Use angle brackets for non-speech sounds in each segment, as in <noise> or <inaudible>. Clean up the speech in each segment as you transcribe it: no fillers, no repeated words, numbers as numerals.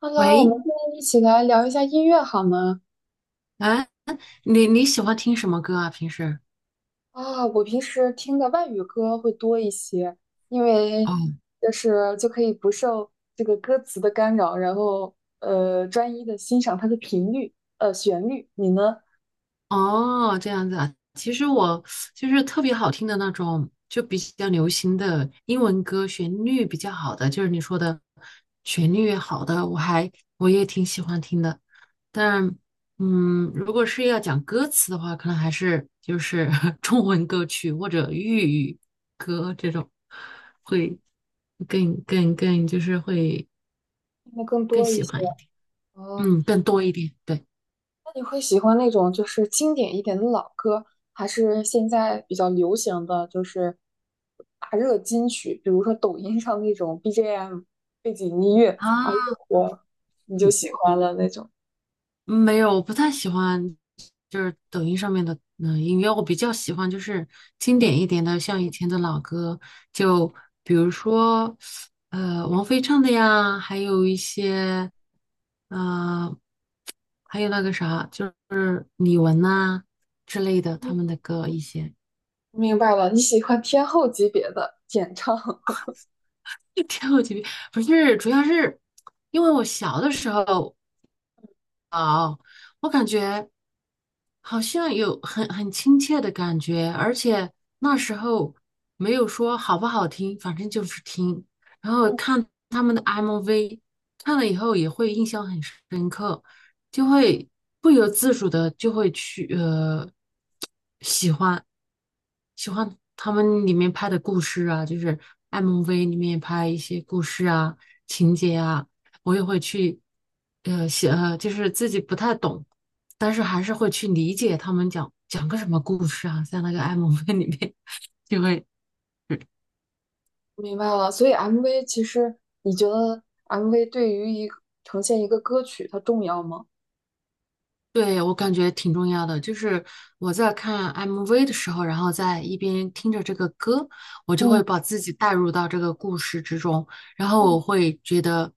Hello，我喂，们现在一起来聊一下音乐好吗？啊，你喜欢听什么歌啊？平时？啊，我平时听的外语歌会多一些，因为哦就是可以不受这个歌词的干扰，然后专一的欣赏它的频率，旋律。你呢？哦，这样子啊。其实我就是特别好听的那种，就比较流行的英文歌，旋律比较好的，就是你说的旋律好的，我也挺喜欢听的。但如果是要讲歌词的话，可能还是就是 <laughs> 中文歌曲或者粤语歌这种，会更就是会听的更更多一喜些。欢一点，哦，嗯，更多一点。对。那你会喜欢那种就是经典一点的老歌，还是现在比较流行的就是大热金曲，比如说抖音上那种 BGM 背景音乐啊，越啊，火你就嗯，喜欢了那种？没有，我不太喜欢，就是抖音上面的音乐，我比较喜欢就是经嗯，典一点的，像以前的老歌，就比如说王菲唱的呀，还有一些呃还有那个啥，就是李玟呐、之类的他们嗯的歌一些，明白了，你喜欢天后级别的演唱。<laughs> <laughs> 跳级不是，主要是因为我小的时候啊、我感觉。好像有很亲切的感觉，而且那时候没有说好不好听，反正就是听。然后嗯，看他们的 MV，看了以后也会印象很深刻，就会不由自主的就会去喜欢。喜欢他们里面拍的故事啊，就是 MV 里面拍一些故事啊、情节啊，我也会去呃写呃，就是自己不太懂，但是还是会去理解他们讲个什么故事啊，在那个 MV 里面就会。明白了。所以 MV 其实你觉得 MV 对于一个呈现一个歌曲它重要吗？对，我感觉挺重要的，就是我在看 MV 的时候，然后在一边听着这个歌，我就嗯会把自己带入到这个故事之中，然后嗯我会觉得，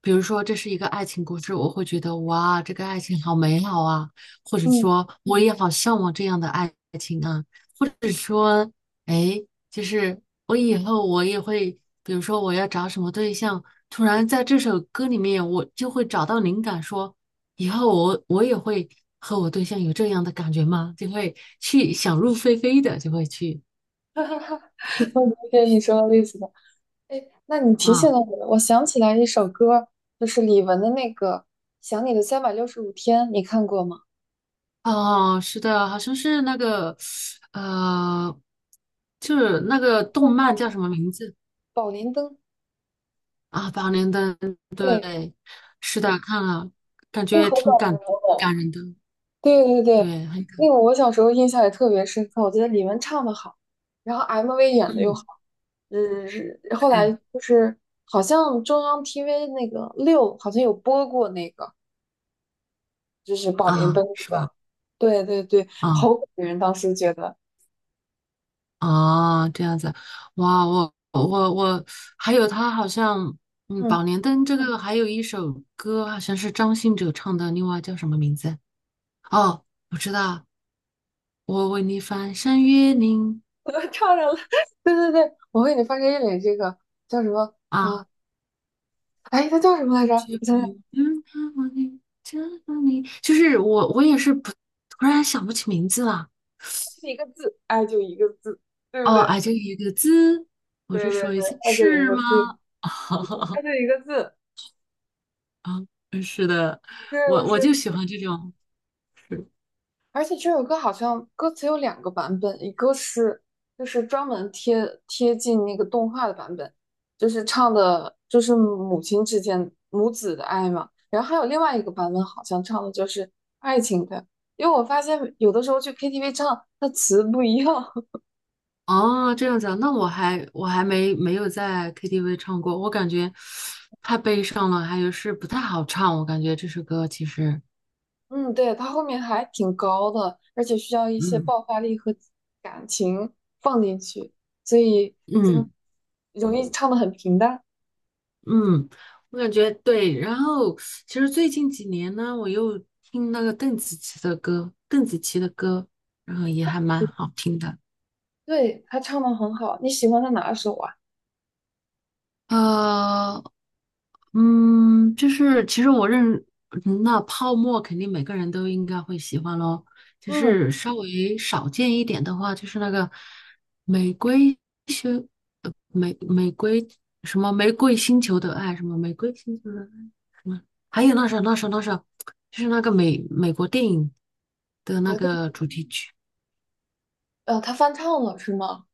比如说这是一个爱情故事，我会觉得哇，这个爱情好美好啊，或者嗯，说我也好向往这样的爱情啊，或者说，哎，就是我以后我也会，比如说我要找什么对象，突然在这首歌里面我就会找到灵感说。以后我也会和我对象有这样的感觉吗？就会去想入非非的，就会去我理解你说的意思。哎，那你提醒啊了我，我想起来一首歌，就是李玟的那个《想你的三百六十五天》，你看过吗？哦，是的，好像是那个呃，就是那个动动画漫片叫什么名字《宝莲灯》，啊？《八连灯》对，对，是的，看了，感那个觉好搞挺笑感哦。感人的，对对对，对，很那感，个我小时候印象也特别深刻，我觉得李玟唱的好，然后 MV 演的又好，嗯，嗯，是后来对就是好像中央 TV 那个六好像有播过那个，就是《宝莲啊，灯》是那吧？个，对对对，啊。好感人，当时觉得。啊，这样子，哇，我还有他好像，嗯，嗯。《宝莲灯》这个还有一首歌，好像是张信哲唱的，另外叫什么名字？哦，我知道，我为你翻山越岭我又唱上了，<laughs> 对对对，我为你翻开一脸这个叫什么啊，啊？哎，它叫什么来着？却我不想想，能看望你，这个你，就是我也是不，突然想不起名字了。就一个字，爱就一个字，对不哦，对？哎，就一个字，我再对对说对，一次爱就一是个字，吗？爱 <laughs> 就一个字，啊，是的，是的，我就是喜欢这种。而且这首歌好像歌词有两个版本，一个是就是专门贴近那个动画的版本，就是唱的就是母亲之间母子的爱嘛。然后还有另外一个版本，好像唱的就是爱情的。因为我发现有的时候去 KTV 唱，它词不一样。<laughs> 哦，这样子啊，那我还没有在 KTV 唱过，我感觉太悲伤了，还有是不太好唱，我感觉这首歌其实，嗯，对，它后面还挺高的，而且需要一些嗯爆发力和感情放进去，所以嗯嗯容易唱的很平淡。嗯，我感觉对。然后其实最近几年呢，我又听那个邓紫棋的歌，然后也还蛮好听的。对，他唱的很好。你喜欢他哪首啊？呃就是其实我认，嗯那泡沫肯定每个人都应该会喜欢咯。就嗯，是稍微少见一点的话，就是那个玫瑰星，呃玫玫瑰玫瑰星球的爱，什么玫瑰星球的爱，还有那首，就是那个美国电影美的那国地，个主题曲。他翻唱了是吗？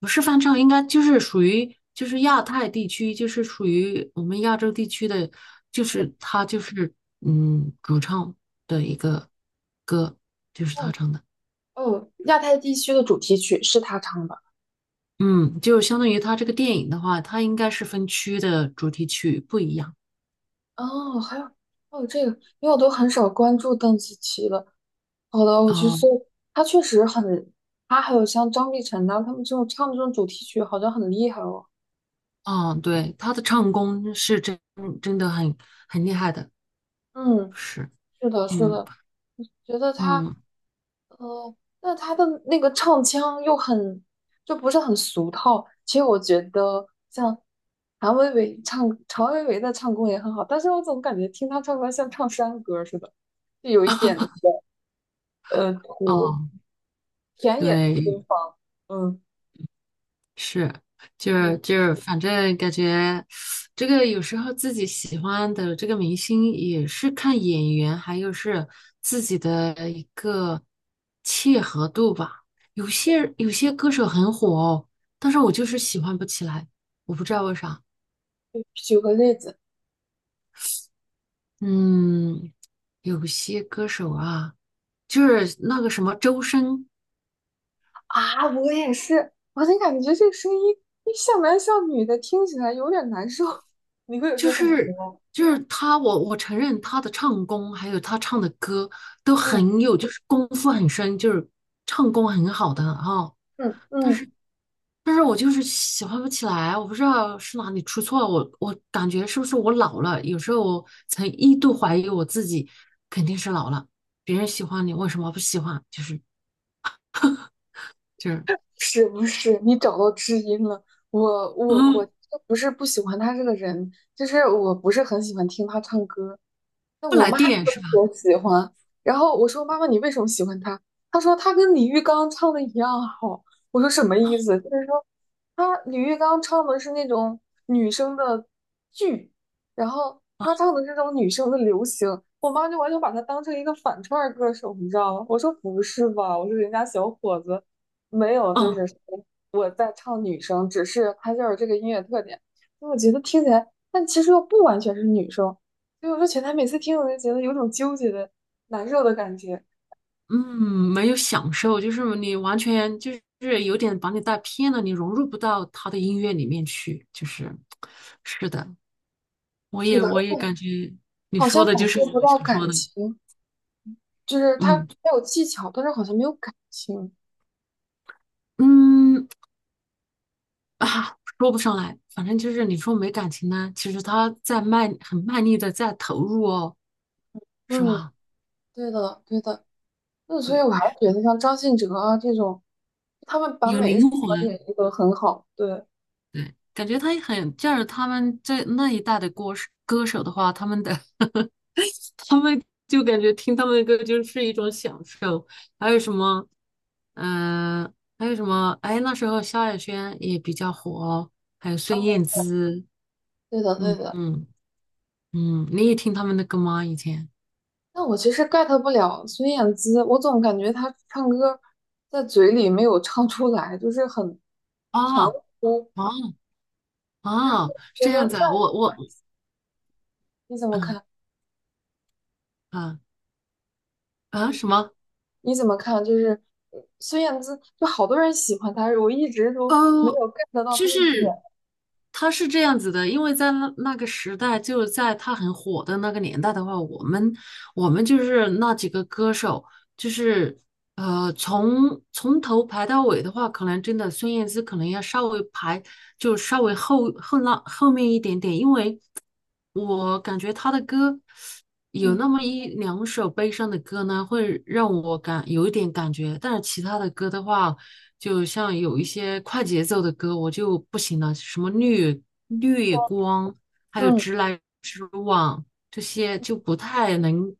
不是翻唱，应该就是属于就是亚太地区，就是属于我们亚洲地区的，就是他主唱的一个歌，就是他哦唱的，哦，亚太地区的主题曲是他唱的。嗯，就相当于他这个电影的话，它应该是分区的主题曲不一样。哦，还有这个，因为我都很少关注邓紫棋了。好的，我去哦搜。他确实很，他还有像张碧晨呐、他们这种唱这种主题曲，好像很厉害哦。哦，对，他的唱功是真的很厉害的，嗯，是，是的，是嗯的，觉得他嗯哦，那他的那个唱腔又很，就不是很俗套。其实我觉得像谭维维唱，常维维的唱功也很好，但是我总感觉听他唱歌像唱山歌似的，就有一点土哦，田野的对，风貌。嗯是，就嗯，是就是，反正感觉这个有时候自己喜欢的这个明星也是看演员，还有是自己的一个契合度吧。有些歌手很火哦，但是我就是喜欢不起来，我不知道为啥。举个例子嗯，有些歌手啊，就是那个什么周深，啊，我也是，我就感觉这个声音像男像女的，听起来有点难受。<laughs> 你会有这就个感觉是吗？就是他，我承认他的唱功，还有他唱的歌都嗯很有，就是功夫很深，就是唱功很好的啊、嗯但嗯。是但是我就是喜欢不起来，我不知道是哪里出错了，我感觉是不是我老了？有时候我曾一度怀疑我自己，肯定是老了。别人喜欢你，为什么不喜欢？就是，是不是你找到知音了？我嗯，不是不喜欢他这个人，就是我不是很喜欢听他唱歌，那不我来妈特电是吧？别喜欢。然后我说：“妈妈，你为什么喜欢他？”她说：“他跟李玉刚唱的一样好。”我说：“什么意思？”就是说，他李玉刚唱的是那种女生的剧，然后他唱的是那种女生的流行。我妈就完全把他当成一个反串儿歌手，你知道吗？我说：“不是吧？”我说：“人家小伙子没有，就是嗯，说我在唱女生，只是他就是这个音乐特点。”我觉得听起来，但其实又不完全是女生。所以我说前台每次听我就觉得有种纠结的、难受的感觉，嗯，没有享受，就是你完全就是有点把你带偏了，你融入不到他的音乐里面去，就是，是的，是的，而我也且感觉你好说像感的就是受不我到想说感的，情，就是他嗯他有技巧，但是好像没有感情。嗯说不上来，反正就是你说没感情呢，其实他在卖，很卖力的在投入哦，是嗯，吧？对的，对的。那所以对，我还是觉得像张信哲啊这种，他们把有每一首灵歌魂，演绎得很好。对，对，感觉他也很，就是他们这那一代的歌手的话，他们就感觉听他们的歌就是一种享受。还有什么，嗯、还有什么？哎，那时候萧亚轩也比较火，还有孙嗯，燕姿，对的，对嗯的。嗯你也听他们的歌吗？以前？但我其实 get 不了孙燕姿，我总感觉她唱歌在嘴里没有唱出来，就是很含哦糊。哦然后我哦，是觉这样得，子啊，我那我你怎么嗯看？嗯啊啊就什是。么？你怎么看？就是孙燕姿，就好多人喜欢她，我一直都没有 呃，get 到就她的点。是他是这样子的，因为在那个时代，就是在他很火的那个年代的话，我们就是那几个歌手，就是从头排到尾的话，可能真的孙燕姿可能要稍微排，就稍微后面一点点，因为我感觉他的歌有嗯那么一两首悲伤的歌呢，会让我感有一点感觉，但是其他的歌的话。就像有一些快节奏的歌，我就不行了，什么绿光，还有嗯，直来直往，这些就不太能，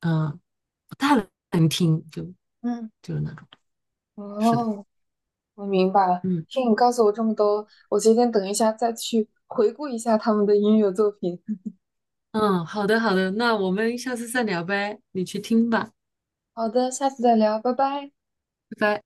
嗯、不太能听，就嗯，就是那种。是的，哦，我明白了。嗯听你告诉我这么多，我决定等一下再去回顾一下他们的音乐作品。嗯，好的好的，那我们下次再聊呗，你去听吧，好的，下次再聊，拜拜。拜拜。